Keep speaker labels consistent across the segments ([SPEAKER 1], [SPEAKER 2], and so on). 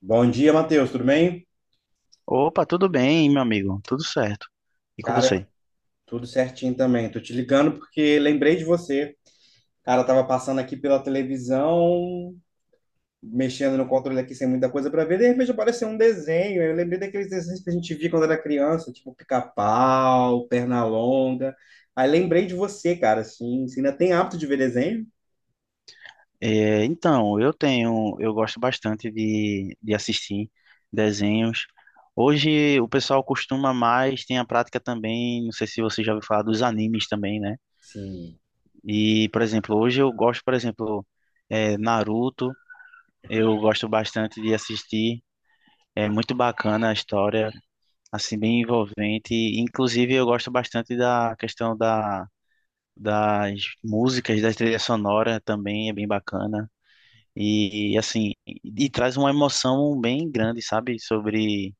[SPEAKER 1] Bom dia, Matheus, tudo bem?
[SPEAKER 2] Opa, tudo bem, meu amigo? Tudo certo. E com
[SPEAKER 1] Cara,
[SPEAKER 2] você?
[SPEAKER 1] tudo certinho também. Tô te ligando porque lembrei de você. Cara, eu tava passando aqui pela televisão, mexendo no controle aqui sem muita coisa pra ver, de repente apareceu um desenho. Eu lembrei daqueles desenhos que a gente via quando era criança, tipo Pica-Pau, Pernalonga. Aí lembrei de você, cara, assim, você ainda tem hábito de ver desenho?
[SPEAKER 2] Eu tenho, eu gosto bastante de assistir desenhos. Hoje o pessoal costuma mais, tem a prática também, não sei se você já ouviu falar dos animes também, né?
[SPEAKER 1] Sim,
[SPEAKER 2] E, por exemplo, hoje eu gosto, por exemplo, Naruto, eu gosto bastante de assistir. É muito bacana a história, assim, bem envolvente. Inclusive, eu gosto bastante da questão da das músicas, da trilha sonora também é bem bacana. E, e, assim, e, e traz uma emoção bem grande, sabe, sobre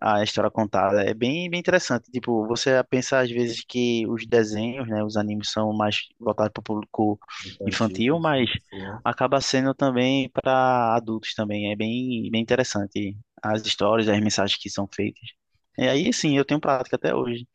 [SPEAKER 2] a história contada. É bem, bem interessante. Tipo, você pensa às vezes que os desenhos, né, os animes são mais voltados para o público
[SPEAKER 1] infantil,
[SPEAKER 2] infantil, mas
[SPEAKER 1] assim, criança.
[SPEAKER 2] acaba sendo também para adultos também. É bem, bem interessante as histórias, as mensagens que são feitas. E aí, sim, eu tenho prática até hoje.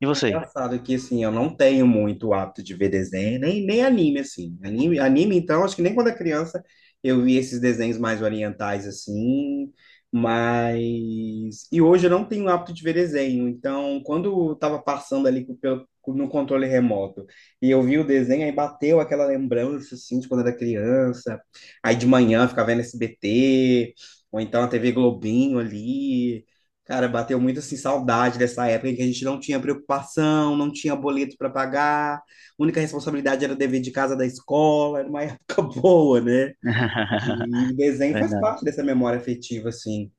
[SPEAKER 2] E
[SPEAKER 1] É
[SPEAKER 2] você?
[SPEAKER 1] engraçado que, assim, eu não tenho muito o hábito de ver desenho, nem anime, assim. Anime, então, acho que nem quando era criança eu vi esses desenhos mais orientais, assim, mas... E hoje eu não tenho o hábito de ver desenho, então, quando eu tava passando ali no controle remoto e eu vi o desenho, aí bateu aquela lembrança, assim, de quando era criança. Aí de manhã eu ficava vendo SBT, ou então a TV Globinho ali... Cara, bateu muito assim saudade dessa época em que a gente não tinha preocupação, não tinha boleto para pagar, a única responsabilidade era o dever de casa da escola. Era uma época boa, né? E desenho faz
[SPEAKER 2] Verdade.
[SPEAKER 1] parte dessa memória afetiva, assim.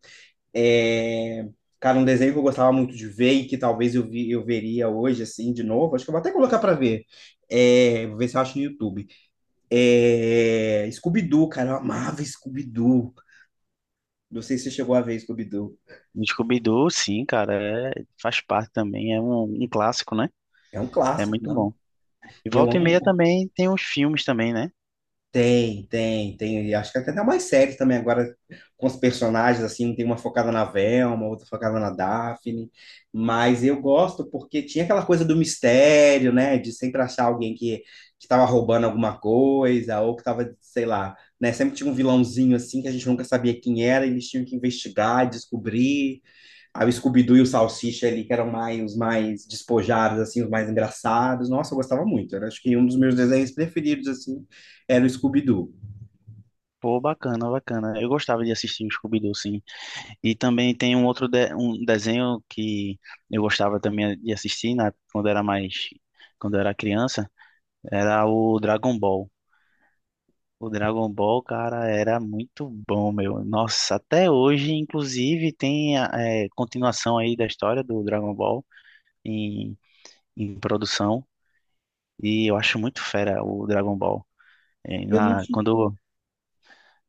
[SPEAKER 1] É, cara, um desenho que eu gostava muito de ver e que talvez eu, vi, eu veria hoje, assim, de novo, acho que eu vou até colocar para ver. É, vou ver se eu acho no YouTube. É... Scooby-Doo, cara, eu amava Scooby-Doo. Não sei se você chegou a ver Scooby-Doo.
[SPEAKER 2] Scooby-Doo, sim, cara, faz parte também, é um clássico, né?
[SPEAKER 1] É um
[SPEAKER 2] É
[SPEAKER 1] clássico,
[SPEAKER 2] muito
[SPEAKER 1] não?
[SPEAKER 2] bom. E
[SPEAKER 1] Eu
[SPEAKER 2] volta e meia
[SPEAKER 1] amo.
[SPEAKER 2] também tem os filmes também, né?
[SPEAKER 1] Tem. Acho que tem até mais séries também agora com os personagens, assim, tem uma focada na Velma, outra focada na Daphne. Mas eu gosto porque tinha aquela coisa do mistério, né? De sempre achar alguém que estava roubando alguma coisa, ou que estava, sei lá, né? Sempre tinha um vilãozinho assim que a gente nunca sabia quem era, e eles tinham que investigar, descobrir. Aí o Scooby-Doo e o Salsicha ali, que eram mais, os mais despojados, assim, os mais engraçados. Nossa, eu gostava muito. Eu acho que um dos meus desenhos preferidos, assim, era o Scooby-Doo.
[SPEAKER 2] Pô, bacana, bacana. Eu gostava de assistir o Scooby-Doo, sim. E também tem um outro um desenho que eu gostava também de assistir, né? Quando era mais, quando eu era criança, era o Dragon Ball. O Dragon Ball, cara, era muito bom, meu. Nossa, até hoje, inclusive, tem a continuação aí da história do Dragon Ball em, em produção. E eu acho muito fera o Dragon Ball. É,
[SPEAKER 1] Eu não
[SPEAKER 2] na,
[SPEAKER 1] tinha...
[SPEAKER 2] quando,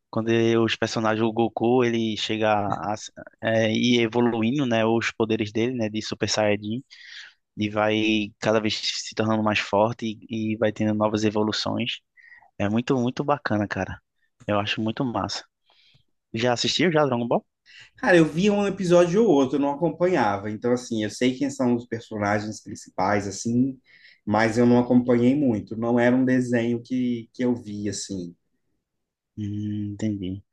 [SPEAKER 2] quando os personagens, o Goku, ele chega a, ir evoluindo, né, os poderes dele, né, de Super Saiyajin, e vai cada vez se tornando mais forte e vai tendo novas evoluções. É muito, muito bacana, cara. Eu acho muito massa. Já assistiu já Dragon Ball?
[SPEAKER 1] Cara, eu via um episódio ou outro, eu não acompanhava. Então, assim, eu sei quem são os personagens principais, assim, mas eu não acompanhei muito. Não era um desenho que eu via, assim.
[SPEAKER 2] Entendi.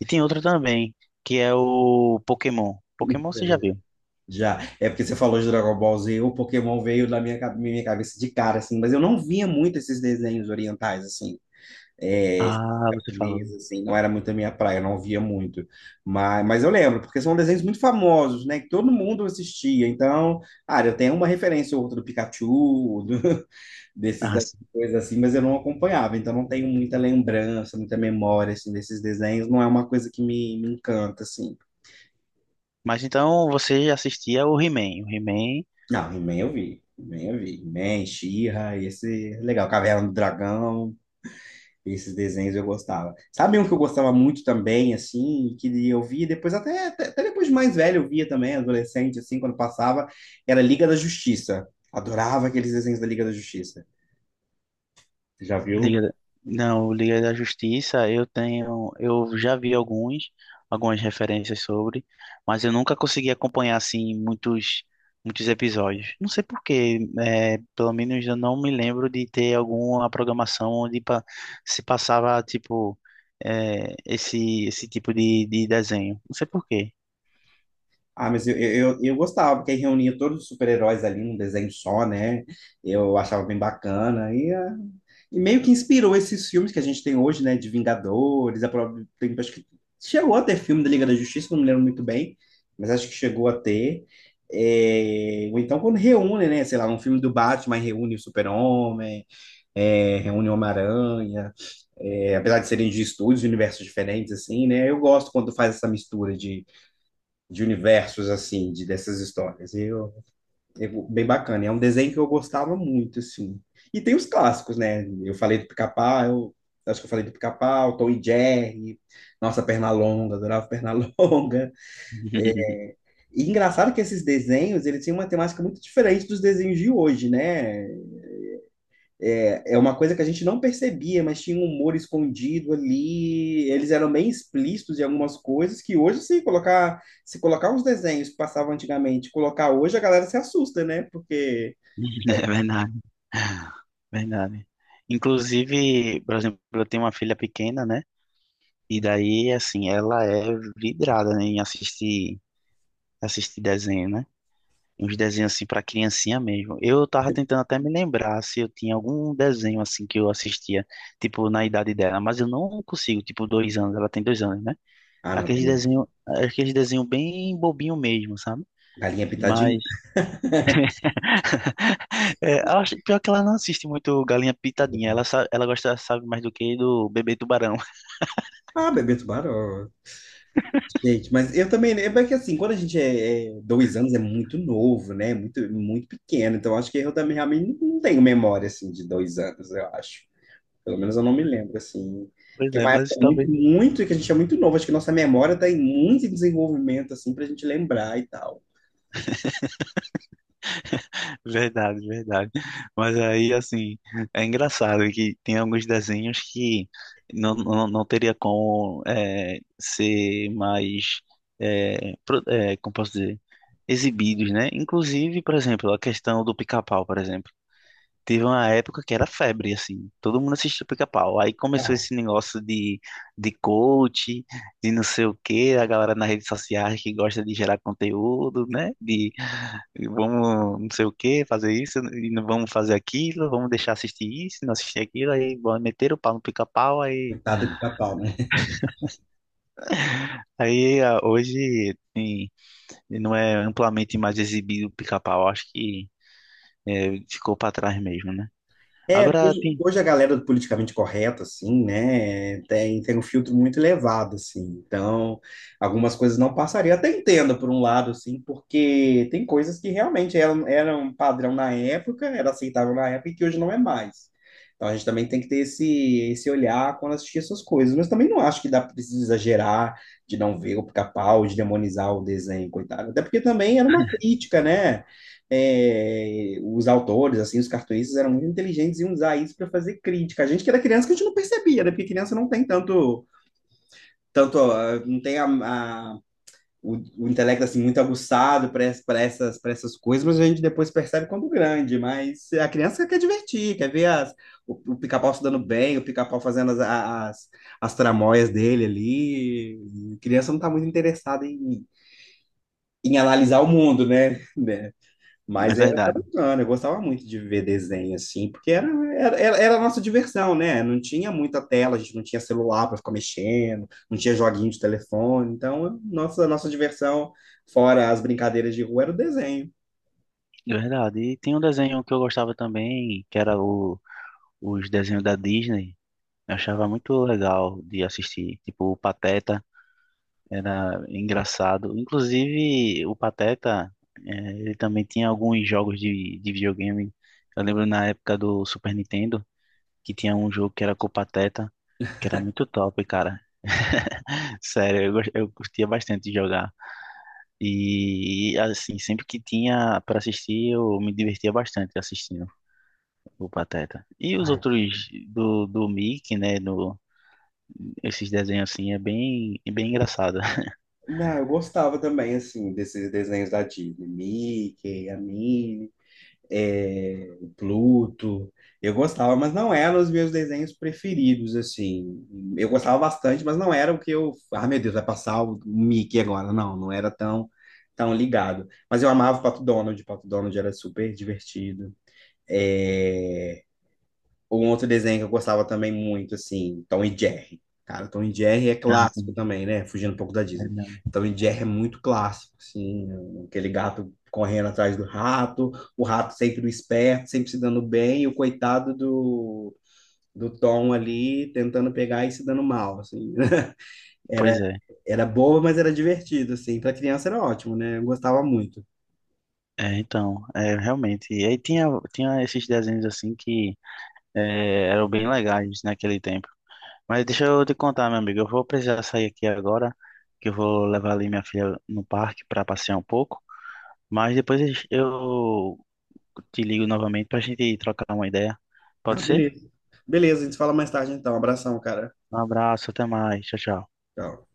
[SPEAKER 2] E tem outra também, que é o Pokémon. Pokémon você já viu?
[SPEAKER 1] Já. É porque você falou de Dragon Ball Z, o Pokémon veio na minha, minha cabeça de cara, assim, mas eu não via muito esses desenhos orientais, assim. É,
[SPEAKER 2] Ah, você falou.
[SPEAKER 1] japonesa, assim, não era muito a minha praia, eu não via muito. Mas eu lembro, porque são desenhos muito famosos, né? Que todo mundo assistia. Então, ah, eu tenho uma referência ou outra do Pikachu, desses
[SPEAKER 2] Ah, sim.
[SPEAKER 1] coisas assim, mas eu não acompanhava, então não tenho muita lembrança, muita memória, assim, desses desenhos. Não é uma coisa que me encanta, assim.
[SPEAKER 2] Mas então você já assistia o He-Man. O He-Man
[SPEAKER 1] Não, He-Man eu vi. He-Man eu vi. He-Man, She-Ra, esse... é legal, Caverna do Dragão. Esses desenhos eu gostava. Sabe um que eu gostava muito também, assim, que eu via depois, até depois de mais velho eu via também, adolescente, assim, quando passava, era Liga da Justiça. Adorava aqueles desenhos da Liga da Justiça. Você já viu?
[SPEAKER 2] Liga, da- não, Liga da Justiça, eu tenho, eu já vi alguns, algumas referências sobre, mas eu nunca consegui acompanhar assim muitos, muitos episódios. Não sei por quê, pelo menos eu não me lembro de ter alguma programação onde se passava tipo esse tipo de desenho. Não sei por quê.
[SPEAKER 1] Ah, mas eu gostava, porque aí reunia todos os super-heróis ali num desenho só, né? Eu achava bem bacana. E, ah, e meio que inspirou esses filmes que a gente tem hoje, né? De Vingadores, a própria, tem, acho que chegou a ter filme da Liga da Justiça, não me lembro muito bem, mas acho que chegou a ter. É, ou então quando reúne, né? Sei lá, um filme do Batman reúne o Super-Homem, é, reúne o Homem-Aranha. É, apesar de serem de estúdios, de universos diferentes, assim, né? Eu gosto quando faz essa mistura de universos, assim, de, dessas histórias. É bem bacana. É um desenho que eu gostava muito, assim. E tem os clássicos, né? Eu falei do Pica-Pau, eu acho que eu falei do Pica-Pau, Tom e Jerry, nossa, Pernalonga, adorava Pernalonga. E engraçado que esses desenhos, eles tinham uma temática muito diferente dos desenhos de hoje, né? É, é uma coisa que a gente não percebia, mas tinha um humor escondido ali. Eles eram bem explícitos em algumas coisas que hoje, se colocar, se colocar os desenhos que passavam antigamente, colocar hoje, a galera se assusta, né? Porque.
[SPEAKER 2] É verdade, verdade. Inclusive, por exemplo, eu tenho uma filha pequena, né? E daí, assim, ela é vidrada, né, em assistir, assistir desenho, né? Uns desenhos, assim, pra criancinha mesmo. Eu tava tentando até me lembrar se eu tinha algum desenho, assim, que eu assistia, tipo, na idade dela, mas eu não consigo, tipo, dois anos, ela tem dois anos, né?
[SPEAKER 1] Ah, não, também.
[SPEAKER 2] Aqueles desenho bem bobinho mesmo, sabe?
[SPEAKER 1] Galinha pitadinha.
[SPEAKER 2] Mas, eu acho, pior que ela não assiste muito Galinha Pitadinha, ela, ela gosta, sabe, mais do que do Bebê Tubarão.
[SPEAKER 1] Ah, bebê tubarão. Gente, mas eu também. Né, é que assim, quando a gente é, é dois anos, é muito novo, né? Muito pequeno. Então, acho que eu também realmente não tenho memória assim de dois anos, eu acho. Pelo menos eu não me lembro, assim.
[SPEAKER 2] Pois
[SPEAKER 1] Que é
[SPEAKER 2] é,
[SPEAKER 1] uma
[SPEAKER 2] mas
[SPEAKER 1] época
[SPEAKER 2] talvez
[SPEAKER 1] que a gente é muito novo. Acho que nossa memória está em muito desenvolvimento, assim, para a gente lembrar e tal.
[SPEAKER 2] verdade, verdade. Mas aí, assim, é engraçado que tem alguns desenhos que não teria como ser mais, como posso dizer, exibidos, né? Inclusive, por exemplo, a questão do pica-pau, por exemplo. Teve uma época que era febre, assim. Todo mundo assistia Pica-Pau. Aí começou
[SPEAKER 1] Tal.
[SPEAKER 2] esse negócio de coach, de não sei o quê, a galera nas redes sociais que gosta de gerar conteúdo, né? De vamos não sei o quê, fazer isso, e não vamos fazer aquilo, vamos deixar assistir isso, não assistir aquilo. Aí bom, meteram o pau no Pica-Pau, aí
[SPEAKER 1] Coitado do pica-pau, né?
[SPEAKER 2] Hoje não é amplamente mais exibido o pica-pau, acho que ficou para trás mesmo, né?
[SPEAKER 1] É,
[SPEAKER 2] Agora
[SPEAKER 1] hoje,
[SPEAKER 2] tem,
[SPEAKER 1] hoje a galera do politicamente correto, assim, né, tem um filtro muito elevado, assim, então algumas coisas não passariam. Até entendo, por um lado, assim, porque tem coisas que realmente eram padrão na época, era aceitável na época e que hoje não é mais. Então a gente também tem que ter esse olhar quando assistir essas coisas, mas também não acho que dá precisa exagerar de não ver o pica-pau, de demonizar o desenho, coitado. Até porque também era uma crítica, né? É, os autores, assim, os cartunistas eram muito inteligentes e iam usar isso para fazer crítica. A gente que era criança que a gente não percebia, né? Porque criança não tem tanto, tanto ah, não tem o intelecto assim muito aguçado para para essas coisas, mas a gente depois percebe quando grande. Mas a criança quer divertir, quer ver as, o pica-pau se dando bem, o pica-pau fazendo as tramóias dele ali. A criança não está muito interessada em analisar o mundo, né? Né?
[SPEAKER 2] é
[SPEAKER 1] Mas era, era
[SPEAKER 2] verdade.
[SPEAKER 1] bacana, eu gostava muito de ver desenho assim, porque era era a nossa diversão, né? Não tinha muita tela, a gente não tinha celular para ficar mexendo, não tinha joguinho de telefone, então a nossa diversão, fora as brincadeiras de rua, era o desenho.
[SPEAKER 2] É verdade. E tem um desenho que eu gostava também, que era os desenhos da Disney. Eu achava muito legal de assistir. Tipo, o Pateta era engraçado. Inclusive, o Pateta, ele também tinha alguns jogos de videogame. Eu lembro na época do Super Nintendo, que tinha um jogo que era com o Pateta, que era muito top, cara. Sério, eu, eu curtia bastante de jogar. E, assim, sempre que tinha para assistir, eu me divertia bastante assistindo. O Pateta. E os
[SPEAKER 1] Ai,
[SPEAKER 2] outros do, do Mickey, né? No, esses desenhos assim é bem, bem engraçado.
[SPEAKER 1] não, eu gostava também, assim, desses desenhos da Disney, Mickey, a Minnie. É, o Pluto. Eu gostava, mas não eram os meus desenhos preferidos, assim. Eu gostava bastante, mas não era o que eu. Ah, meu Deus, vai passar o Mickey agora. Não, não era tão ligado. Mas eu amava o Pato Donald era super divertido. É, um outro desenho que eu gostava também muito, assim, Tom e Jerry. Cara, Tom e Jerry é
[SPEAKER 2] Não,
[SPEAKER 1] clássico também, né? Fugindo um pouco da
[SPEAKER 2] é,
[SPEAKER 1] Disney.
[SPEAKER 2] não.
[SPEAKER 1] Tom e Jerry é muito clássico, assim, né? Aquele gato correndo atrás do rato, o rato sempre o esperto, sempre se dando bem, e o coitado do Tom ali tentando pegar e se dando mal, assim. Era,
[SPEAKER 2] Pois é.
[SPEAKER 1] era boa, mas era divertido, assim. Pra criança era ótimo, né? Eu gostava muito.
[SPEAKER 2] Realmente. E aí tinha, tinha esses desenhos assim que eram bem legais naquele tempo. Mas deixa eu te contar, meu amigo. Eu vou precisar sair aqui agora, que eu vou levar ali minha filha no parque para passear um pouco. Mas depois eu te ligo novamente para a gente trocar uma ideia.
[SPEAKER 1] Ah,
[SPEAKER 2] Pode ser?
[SPEAKER 1] beleza. Beleza, a gente se fala mais tarde então. Abração, cara.
[SPEAKER 2] Um abraço, até mais. Tchau, tchau.
[SPEAKER 1] Tchau.